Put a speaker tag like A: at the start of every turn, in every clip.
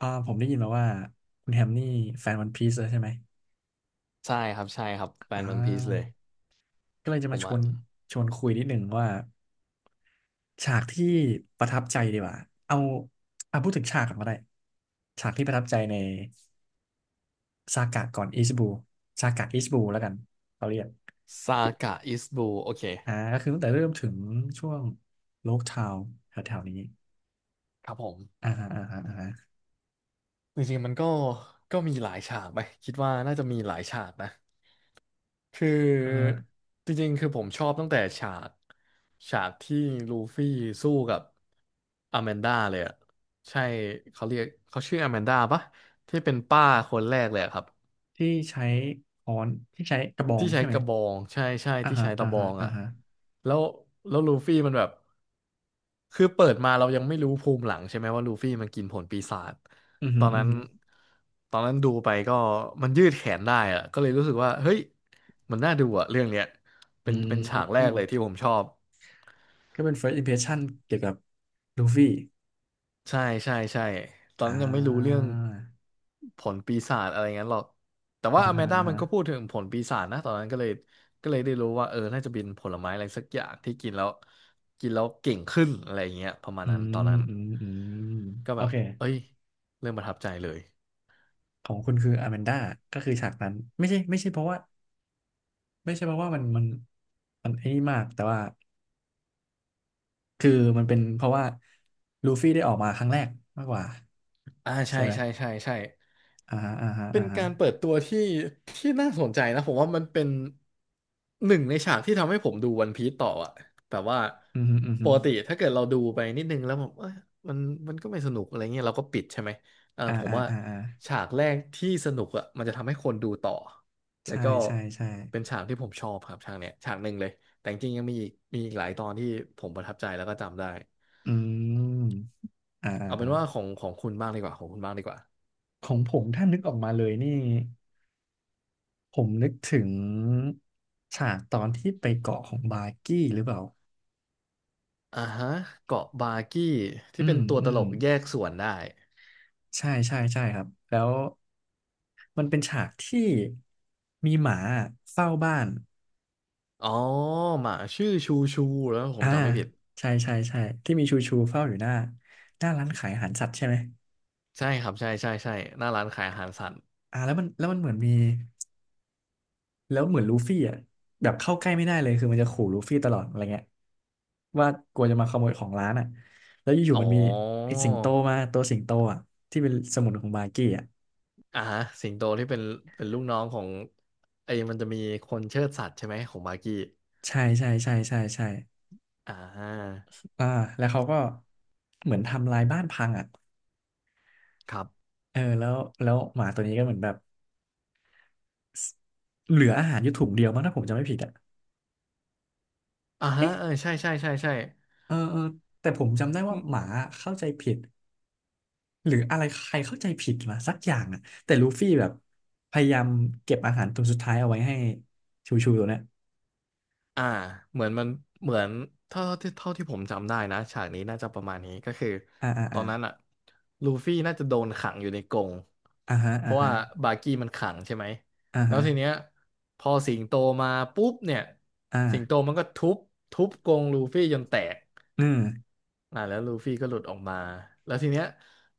A: ผมได้ยินมาว่าคุณแฮมนี่แฟนวันพีซเลยใช่ไหม
B: ใช่ครับใช่ครับแฟ
A: อ่
B: นวันพีซเลย
A: าก็เลยจะ
B: ผ
A: มา
B: ม
A: ชว
B: อะ
A: นชวนคุยนิดหนึ่งว่าฉากที่ประทับใจดีกว่าเอาเอาพูดถึงฉากก่อนก็ได้ฉากที่ประทับใจในซากะก่อนอิชิบูซากะอิชิบูแล้วกันเขาเรียก
B: ซากะอิสบูโอเค
A: ก็คือตั้งแต่เริ่มถึงช่วงโลกทาวแถวๆนี้
B: ครับผม
A: อ่าฮะอ่าฮะอ่าฮะ
B: จริงๆมันก็มีหลายฉากไปคิดว่าน่าจะมีหลายฉากนะคือ
A: อ่าฮะ
B: จริงๆคือผมชอบตั้งแต่ฉากที่ลูฟี่สู้กับอแมนดาเลยอะใช่เขาเรียกเขาชื่ออแมนดาปะที่เป็นป้าคนแรกเลยอะครับ
A: ที่ใช้ค้อนที่ใช้กระบอง
B: ที่ใช้
A: ใช่ไหม
B: กระบองใช่ใช่
A: อ่า
B: ที่
A: ฮะ
B: ใช้
A: อ่า
B: ตะบอ
A: ฮะ
B: ง
A: อ่า
B: อ่ะ
A: ฮะ
B: แล้วแล้วลูฟี่มันแบบคือเปิดมาเรายังไม่รู้ภูมิหลังใช่ไหมว่าลูฟี่มันกินผลปีศาจ
A: อือ
B: ต
A: ฮึ
B: อน
A: อือ
B: นั้น
A: ฮึ
B: ตอนนั้นดูไปก็มันยืดแขนได้อะก็เลยรู้สึกว่าเฮ้ยมันน่าดูอ่ะเรื่องเนี้ยเป็
A: อื
B: นเป็นฉากแรก
A: ม
B: เลยที่ผมชอบ
A: ก็เป็น first impression เกี่ยวกับลูฟี่
B: ใช่ใช่ใช่ตอน
A: อ่
B: นั้นยังไม่รู้เรื่อง
A: า
B: ผลปีศาจอะไรงั้นหรอกแต่
A: อ่า
B: ว่าอแม
A: ฮะ
B: นด้า
A: อ่า
B: มั
A: ฮะ
B: นก็พูดถึงผลปีศาจนะตอนนั้นก็เลยได้รู้ว่าเออน่าจะเป็นผลไม้อะไรสักอย่างที่กินแล้วกินแล้วเก่งขึ้นอะไรอย่างเงี้ยประมาณ
A: อื
B: นั้นตอ
A: ม
B: นนั้น
A: อืมอืม
B: ก็
A: โอ
B: แบบ
A: เค
B: เอ้ยเริ่มประทับใจเลย
A: ของคุณคืออ m มนดาก็คือฉากนั้นไม่ใช่ไม่ใช่เพราะว่าไม่ใช่เพราะว่ามันมันไอ้นี่มากแต่ว่าคือมันเป็นเพราะว่าลูฟี่ได้ออกมาครั้งแรกมากกว่า
B: อ่าใช่
A: ใช่ไหม
B: ใช่ใช่ใช่
A: อ่าฮะอ่าฮะ
B: เป็
A: อ่า
B: น
A: ฮะ
B: การเปิดตัวที่น่าสนใจนะผมว่ามันเป็นหนึ่งในฉากที่ทำให้ผมดูวันพีซต่ออะแบบว่า
A: อืมฮึอืม
B: ป
A: ฮึ
B: กติถ้าเกิดเราดูไปนิดนึงแล้วแบบเอ้ยมันมันก็ไม่สนุกอะไรเงี้ยเราก็ปิดใช่ไหมเออ
A: อ่า
B: ผม
A: อ่า
B: ว่า
A: อ่าอ่า
B: ฉากแรกที่สนุกอะมันจะทำให้คนดูต่อแล้ว
A: ใช่
B: ก็
A: ใช่ใช่
B: เป็นฉากที่ผมชอบครับฉากเนี้ยฉากหนึ่งเลยแต่จริงๆยังมีอีกหลายตอนที่ผมประทับใจแล้วก็จำได้
A: อืมอ่
B: เอาเป็นว่าข
A: า
B: องของคุณบ้างดีกว่าของคุณบ้างดีกว่า
A: ของผมถ้านึกออกมาเลยนี่ ผมนึกถึงฉากตอนที่ไปเกาะของบาร์กี้หรือเปล่า
B: อ่าฮะเกาะบากี้
A: อื
B: ที่เป็
A: ม
B: นตัว
A: อื
B: ต
A: ม
B: ลกแยกส่วนได้
A: ใช่ใช่ใช่ครับ แล้วมันเป็นฉากที่มีหมาเฝ้าบ้าน
B: อ๋อหมาชื่อชูชูแล้วผ
A: อ่า
B: มจำไม่ผิด
A: ใช่ใช่ใช่ที่มีชูชูเฝ้าอยู่หน้าหน้าร้านขายอาหารสัตว์ใช่ไหม
B: ใช่ครับใช่ใช่ใช่หน้าร้านขายอาหารสัตว์
A: แล้วมันแล้วมันเหมือนมี แล้วเหมือนลูฟี่อ่ะแบบเข้าใกล้ไม่ได้เลยคือมันจะขู่ลูฟี่ตลอดอะไรเงี้ยว่ากลัวจะมาขโมยของร้านอ่ะแล้วอยู่
B: อ๋
A: ๆมั
B: อ
A: นมีไอ้สิงโตมาตัวสิงโตอ่ะที่เป็นสมุนของบาร์กี้อ่ะ
B: อ่าฮะสิงโตที่เป็นลูกน้องของไอ้มันจะมีคนเชิดสัตว์ใช่ไหมของบากี้
A: ใช่ใช่ใช่ใช่ใช่
B: อ่า
A: อ่าแล้วเขาก็เหมือนทำลายบ้านพังอ่ะ
B: ครับ
A: เออแล้วแล้วหมาตัวนี้ก็เหมือนแบบสเหลืออาหารอยู่ถุงเดียวมั้งถ้าผมจำไม่ผิดอ่ะ
B: อ่าฮะ
A: เอ๊ะ
B: เออใช่ใช่ใช่ใช่
A: เออเออแต่ผมจำได้ว่าหมาเข้าใจผิด หรืออะไรใครเข้าใจผิดมาสักอย่างอ่ะแต่ลูฟี่แบบพยายามเก็บอาหารตัวสุดท้ายเอาไว้ให้ชูชูตัวเนี้ย
B: อ่าเหมือนมันเหมือนเท่าที่ผมจำได้นะฉากนี้น่าจะประมาณนี้ก็คือ
A: อ่าอ่า
B: ตอ
A: อ่า
B: นนั้นอะลูฟี่น่าจะโดนขังอยู่ในกรง
A: อ่าฮะ
B: เพ
A: อ่า
B: ราะ
A: ฮะ
B: ว่าบากี้มันขังใช่ไหม
A: อ่า
B: แล้ว
A: ฮะ
B: ทีเนี้ยพอสิงโตมาปุ๊บเนี่ยสิงโต
A: อ่า
B: มันก็ทุบกรงลูฟี่จนแตก
A: อืม
B: อ่าแล้วลูฟี่ก็หลุดออกมาแล้วทีเนี้ย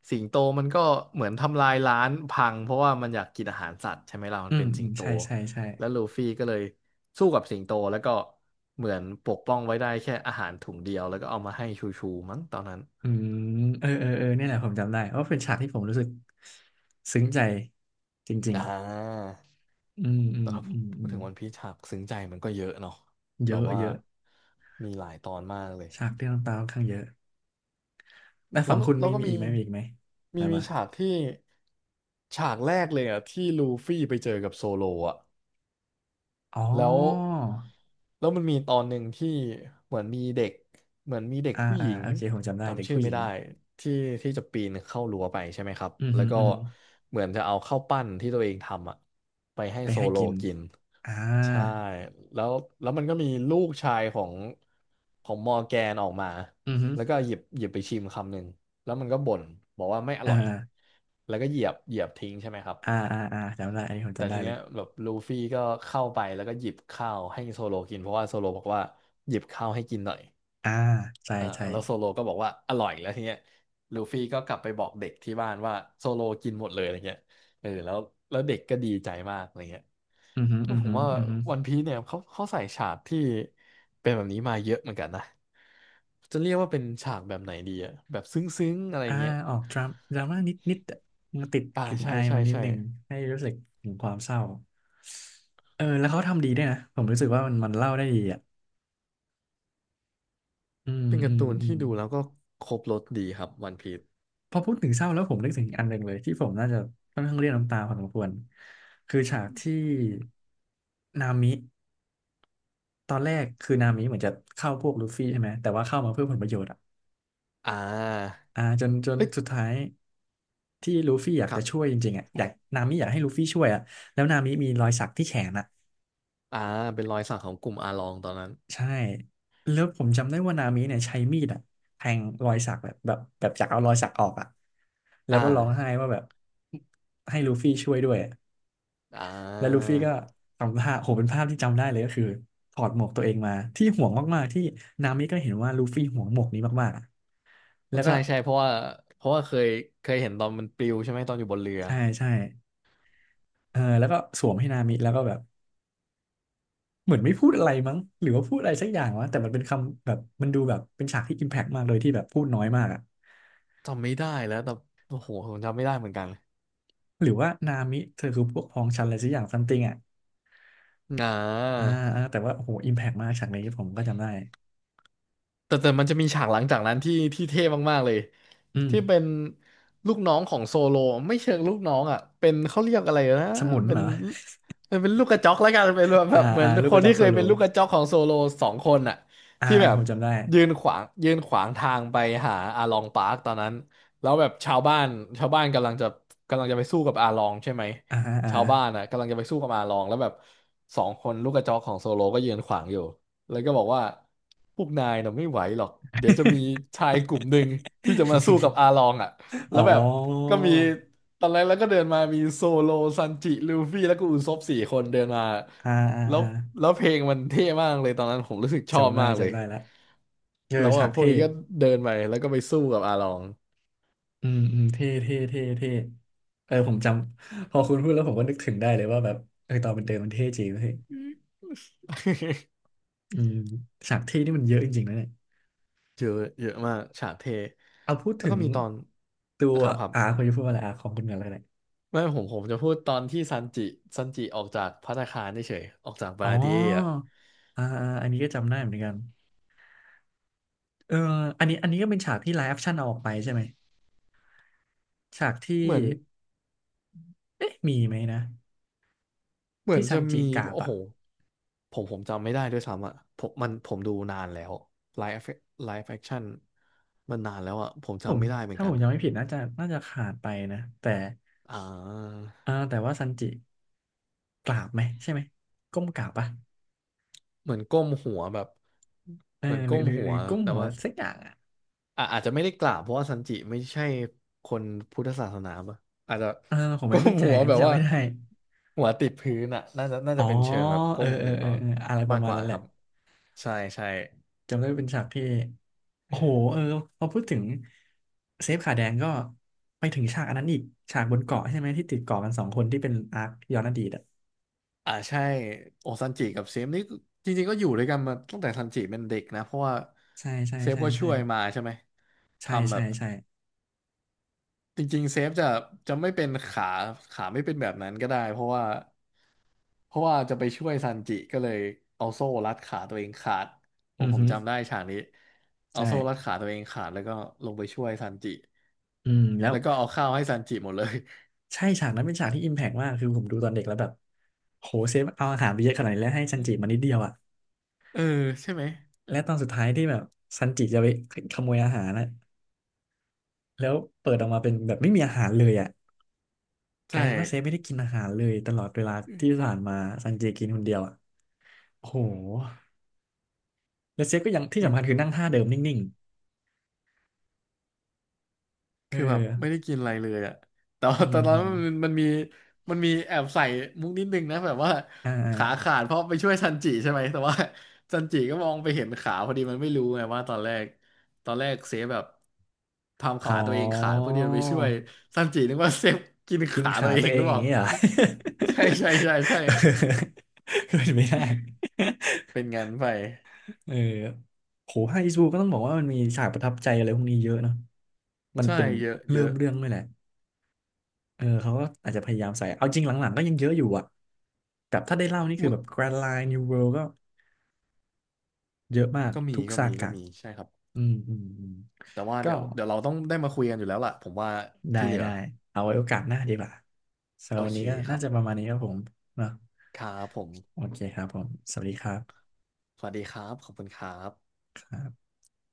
B: สิงโตมันก็เหมือนทำลายร้านพังเพราะว่ามันอยากกินอาหารสัตว์ใช่ไหมล่ะมั
A: อื
B: น
A: ม
B: เป็นสิ
A: อื
B: ง
A: ม
B: โต
A: ใช่ใช่ใช่
B: แล้วลูฟี่ก็เลยสู้กับสิงโตแล้วก็เหมือนปกป้องไว้ได้แค่อาหารถุงเดียวแล้วก็เอามาให้ชูชูมั้งตอนนั้น
A: อืมเออเออเออเนี่ยแหละผมจำได้เพราะเป็นฉากที่ผมรู้สึกซึ้งใจจริง
B: อ่า
A: ๆอืมอื
B: แต่
A: ม
B: ถ้า
A: อืม
B: พู
A: อื
B: ด
A: ม
B: ถึงวันพีชฉากซึ้งใจมันก็เยอะเนาะ
A: เย
B: แบบ
A: อะ
B: ว่า
A: เยอะ
B: มีหลายตอนมากเลย
A: ฉากที่น้ำตาค่อนข้างเยอะแล้ว
B: แล้
A: ฝั่
B: ว
A: งคุณ
B: เรา
A: มี
B: ก็
A: มี
B: มี
A: อีกไหมมีอีกไหม
B: มี
A: มา
B: มี
A: มา
B: ฉากที่ฉากแรกเลยอ่ะที่ลูฟี่ไปเจอกับโซโลอ่ะ
A: อ๋อ
B: แล้วแล้วมันมีตอนหนึ่งที่เหมือนมีเด็กเหมือนมีเด็ก
A: อ่า
B: ผู้ห
A: อ่า
B: ญิง
A: โอเคผมจำได้เด็ก
B: จำชื่อ
A: ผู้ห
B: ไม่
A: ญิง
B: ได้ที่จะปีนเข้ารั้วไปใช่ไหมครับ
A: อือ
B: แล้
A: หื
B: ว
A: อ
B: ก็
A: อือหือ
B: เหมือนจะเอาข้าวปั้นที่ตัวเองทำอ่ะไปให้
A: ไป
B: โซ
A: ให้
B: โล
A: กิน
B: กิน
A: อ่า
B: ใช่แล้วมันก็มีลูกชายของมอร์แกนออกมา
A: อือฮึ
B: แล้วก็หยิบไปชิมคำหนึ่งแล้วมันก็บ่นบอกว่าไม่อ
A: อ่
B: ร่อย
A: า
B: แล้วก็เหยียบทิ้งใช่ไหมครับ
A: อ่าอ่าอ่าจำได้อันนี้ผม
B: แต่
A: จำได้
B: ที
A: เล
B: เนี้
A: ย
B: ยแบบลูฟี่ก็เข้าไปแล้วก็หยิบข้าวให้โซโลกินเพราะว่าโซโลบอกว่าหยิบข้าวให้กินหน่อย
A: อ่าใช่
B: อ่า
A: ใช่
B: แล้วโซโลก็บอกว่าอร่อยแล้วทีเนี้ยลูฟี่ก็กลับไปบอกเด็กที่บ้านว่าโซโลกินหมดเลยอะไรเงี้ยเออแล้วเด็กก็ดีใจมากอะไรเงี้ย
A: อือฮึ
B: ก็
A: อือ
B: ผม
A: ฮึ
B: ว่า
A: อือฮึ
B: วันพีเนี่ยเขาใส่ฉากที่เป็นแบบนี้มาเยอะเหมือนกันนะจะเรียกว่าเป็นฉากแบบไหนดีอะแบบซึ้งๆอะไร
A: อ่า
B: เงี้ย
A: ออกดราม่าดราม่านิดนิดมันติด
B: อ่า
A: กลิ่น
B: ใช่
A: อาย
B: ใช่
A: มันนิด
B: ใช่
A: หนึ่งให้รู้สึกถึงความเศร้าเออแล้วเขาทำดีด้วยนะผมรู้สึกว่ามันมันเล่าได้ดีอ่ะอืม
B: เป็น
A: อื
B: การ์
A: ม
B: ตูน
A: อื
B: ที่
A: ม
B: ดูแล้วก็ครบรสดีครับวันพีซ
A: พอพูดถึงเศร้าแล้วผมนึกถึงอันหนึ่งเลยที่ผมน่าจะค่อนข้างเรียกน้ำตาพอสมควรคือฉากที่นามิ ตอนแรกคือนามิเหมือนจะเข้าพวกลูฟี่ใช่ไหมแต่ว่าเข้ามาเพื่อผลประโยชน์อ่ะ
B: อ่า
A: จน
B: เฮ้ย
A: สุดท้ายที่ลูฟี่อยาก
B: ครั
A: จะ
B: บ
A: ช่วยจริงๆอ่ะอยากนามิอยากให้ลูฟี่ช่วยอ่ะแล้วนามิมีรอยสักที่แขนอ่ะ
B: อ่าเป็นรอยสักของกลุ่มอาลองตอนนั้น
A: ใช่แล้วผมจำได้ว่านามิเนี่ยใช้มีดอ่ะแทงรอยสักแบบจากเอารอยสักออกอ่ะแล้ว
B: อ่
A: ก็ร้องไห้
B: า
A: ว่าแบบให้ลูฟี่ช่วยด้วยอะ
B: อ่
A: แล้วลู
B: า
A: ฟี่ก็ทำท่าโหเป็นภาพที่จำได้เลยก็คือถอดหมวกตัวเองมาที่ห่วงมากๆที่นามิก็เห็นว่าลูฟี่ห่วงหมวกนี้มากๆอะแล้วก็
B: ใช่ใช่เพราะว่าเคยเห็นตอนมันปลิวใช่ไหมตอนอยู่บนเรือ
A: ใช่ใช่เออแล้วก็สวมให้นามิแล้วก็แบบเหมือนไม่พูดอะไรมั้งหรือว่าพูดอะไรสักอย่างวะแต่มันเป็นคำแบบมันดูแบบเป็นฉากที่อิมแพกมากเลยที่แบบพูดน้อยมากอะ
B: จำไม่ได้แล้วแต่โอ้โห ผมจำไม่ได้เหมือนกัน
A: หรือว่านามิเธอคือพวกพ้องฉันอะไรสักอย่างซัมติงอะ
B: อ่า
A: อ่าอ่าแต่ว่าโอ้โหอิมแพกมากฉากนี้ผมก็จำได้
B: แต่มันจะมีฉากหลังจากนั้นที่เท่มากๆเลย
A: อืม
B: ที่เป็นลูกน้องของโซโลไม่เชิงลูกน้องอ่ะเป็นเขาเรียกอะไรนะ
A: สมุน
B: เป็
A: เหร
B: น
A: อ
B: ลูกกระจอกแล้วกันเป็นแ
A: อ่า
B: บบเหมือ
A: อ่า
B: น
A: ลูก
B: ค
A: ก
B: น
A: ระจอ
B: ที่
A: กโซ
B: เคย
A: โล
B: เป็นลูกกระจอกของโซโลสองคนอ่ะ
A: อ่า
B: ที่
A: อ่า
B: แบ
A: ผ
B: บ
A: มจำได้
B: ยืนขวางยืนขวางทางไปหาอาลองปาร์คตอนนั้นแล้วแบบชาวบ้านชาวบ้านกำลังจะกำลังจะไปสู้กับอาลองใช่ไหม
A: อ่าฮะอ่า
B: ชาว
A: ฮะ
B: บ้านอ่ะกำลังจะไปสู้กับอาลองแล้วแบบสองคนลูกกระจอกของโซโลก็ยืนขวางอยู่ แล้วก็บอกว่าพวกนายน่ะไม่ไหวหรอกเดี๋ยวจะมีชายกลุ่มหนึ่งที่จะมาสู้กับอา ลองอ่ะ
A: อ๋
B: แล้
A: อ
B: วแบบก็มีตอนแรกแล้วก็เดินมามีโซโลซันจิลูฟี่แล้วก็อุซบสี่คนเดินมา
A: อ่าอ่า
B: แล้ว
A: อ่า
B: แล้วเพลงมันเท่มากเลยตอนนั้นผมรู้สึกชอบ
A: จำได้
B: มากเล
A: จำ
B: ย
A: ได้ละเจอ
B: แล้วแบ
A: ฉาก
B: บพวก
A: เท่
B: นี้ก็เดินไปแล้วก็ไปสู้กับอาลอง
A: อืมอืมเท่เท่เท่เท่เออผมจำพอคุณพูดแล้วผมก็นึกถึงได้เลยว่าแบบเออตอนมันเดินมันเท่จริงเฮ้ยอืมฉากเท่นี่มันเยอะจริงๆนะเนี่ย
B: เยอะเยอะมากฉากเท
A: เอาพูด
B: แล้ว
A: ถึ
B: ก็
A: ง
B: มีตอน
A: ตัว
B: ครับครับ
A: อาคุณจะพูดว่าอะไรอาของคุณกันเลยเนี่ย
B: ไม่ผมจะพูดตอนที่ซันจิซันจิออกจากภัตตาคารเฉยๆออกจากบา
A: อ๋อ
B: ราเดียอ่ะ
A: อ่าอาอันนี้ก็จำได้เหมือนกันเอออันนี้ก็เป็นฉากที่ไลฟ์แอคชั่นเอาออกไปใช่ไหมฉากที่
B: เหมือน
A: เอ๊ะมีไหมนะ
B: เหมือ
A: ที่
B: น
A: ซั
B: จะ
A: นจิ
B: มี
A: กราบ
B: โอ้
A: อะ
B: โหผมจำไม่ได้ด้วยซ้ำอ่ะผมมันผมดูนานแล้วไลฟ์ไลฟ์แอคชั่นมันนานแล้วอ่ะผม
A: ผ
B: จำ
A: ม
B: ไม่ได้เหมือน
A: ถ้าผ
B: กัน
A: มจำไม่ผิดน่าจะขาดไปนะแต่
B: อ่า
A: แต่ว่าซันจิกราบไหมใช่ไหมก้มกราบปะ
B: เหมือนก้มหัวแบบ
A: เออ
B: เหมือน
A: หรื
B: ก้
A: อ
B: ม
A: หรือ
B: หั
A: ห
B: ว
A: รือก้ม
B: แต่
A: หัว
B: ว่า
A: สักอย่างอ่ะ
B: อ่ะอาจจะไม่ได้กล่าวเพราะว่าซันจิไม่ใช่คนพุทธศาสนาปะอาจจะ
A: เออผมไม่
B: ก้
A: มั่
B: ม
A: นใจ
B: หัว
A: อัน
B: แบ
A: นี้
B: บ
A: จำ
B: ว่า
A: ไม่ได้
B: หัวติดพื้นอ่ะน่าจะน่า
A: อ๋
B: จะ
A: อ
B: เป็นเชิงแบบ
A: เอ
B: ก้
A: อ
B: ม
A: เออ
B: หัว
A: เออเอออะไรป
B: มา
A: ระ
B: ก
A: มา
B: ก
A: ณ
B: ว่า
A: นั้นแห
B: ค
A: ละ
B: รับใช่ใช่
A: จำได้เป็นฉากที่โอ้โหเออพอพูดถึงเซฟขาแดงก็ไปถึงฉากอันนั้นอีกฉากบนเกาะใช่ไหมที่ติดเกาะกันสองคนที่เป็นอาร์คย้อนอดีตอ่ะ
B: อ่าใช่โอซันจิกับเซฟนี่จริงๆก็อยู่ด้วยกันมาตั้งแต่ซันจิเป็นเด็กนะเพราะว่า
A: ใช่ใช่
B: เซฟ
A: ใช่
B: ก็ช่
A: ใช่
B: วยมาใช่ไหม
A: ใช่
B: ทำแบ
A: ใช่
B: บ
A: ใช่ใช่
B: จริงๆเซฟจะจะไม่เป็นขาขาไม่เป็นแบบนั้นก็ได้เพราะว่าเพราะว่าจะไปช่วยซันจิก็เลยเอาโซ่รัดขาตัวเองขาดโอ้
A: อือ
B: ผม
A: ฮึ
B: จำได้ฉากนี้เอา
A: ใช่
B: โซ่รัดขาตัวเองขาดแล้วก็ลงไปช่วยซันจิ
A: อืมแล้ว
B: แล้วก็เอาข้าวให้ซันจิหมดเลย
A: ใช่ฉากนั้นเป็นฉากที่อิมแพกมากคือผมดูตอนเด็กแล้วแบบโหเซฟเอาอาหารไปเยอะขนาดนี้แล้วให้ซันจิมานิดเดียวอ่ะ
B: เออใช่ไหม
A: และตอนสุดท้ายที่แบบซันจิจะไปขโมยอาหารนะแล้วเปิดออกมาเป็นแบบไม่มีอาหารเลยอ่ะกลา
B: ใช่
A: ยเป็นว่าเซฟไม่ได้กินอาหารเลยตลอดเวลาที่ผ่านมาซันจิกินคนเดียวอ่ะโอ้โหแล้วเซฟก็ยังที่สำคัญคือนั่งท่าเดิมนิ่งๆเออ
B: คือแบบไม่ได้กินอะไรเลยอะแต่ว่า
A: อื ม
B: แต่ตอน
A: อื
B: นั้
A: ม
B: นมันมีมันมีแอบใส่มุกนิดนึงนะแบบว่า
A: อ่า
B: ขา
A: อา
B: ขาดเพราะไปช่วยซันจิใช่ไหมแต่ว่าซันจิก็มองไปเห็นขาพอดีมันไม่รู้ไงว่าตอนแรกตอนแรกเซฟแบบทำ
A: อ๋อ
B: ขาตัวเองขาดเพื่อที่จะไปช่วยซันจินึกว่าเซฟกิน
A: กิน
B: ขาตั
A: ขา
B: วเอ
A: ตัว
B: ง
A: เอ
B: หรื
A: ง
B: อ
A: อ
B: เป
A: ย่าง
B: ล่า
A: นี้เหรอ
B: ใช่ใช่ใช่ใช่
A: เป็ นไม่ได้
B: เป็นงานไป
A: เออโหภาคอีสบูก็ต้องบอกว่ามันมีฉากประทับใจอะไรพวกนี้เยอะเนาะมัน
B: ใช่
A: เป็น
B: เยอะเย
A: เริ่ม
B: อะ
A: เรื่องด้วยแหละเออเขาก็อาจจะพยายามใส่เอาจริงหลังๆก็ยังเยอะอยู่อะแบบถ้าได้เล่านี่คือ
B: มื
A: แบบ Grand Line New World ก็เยอะมากทุกซา
B: ก็
A: กะ
B: มีใช่ครับ
A: อืมอืมอืม
B: แต่ว่า
A: ก็
B: เดี๋ยวเราต้องได้มาคุยกันอยู่แล้วล่ะผมว่า
A: ได้
B: ที่เหลือ
A: ได้เอาไว้โอกาสหน้าดีกว่าสำห
B: โอ
A: รับวัน
B: เค
A: นี้ก็
B: ค
A: น่า
B: รับ
A: จะประมาณนี้ครับผมเนาะ
B: ครับผม
A: โอเคครับผม สวัสดีครับ
B: สวัสดีครับ ขอบคุณครับ
A: ครับ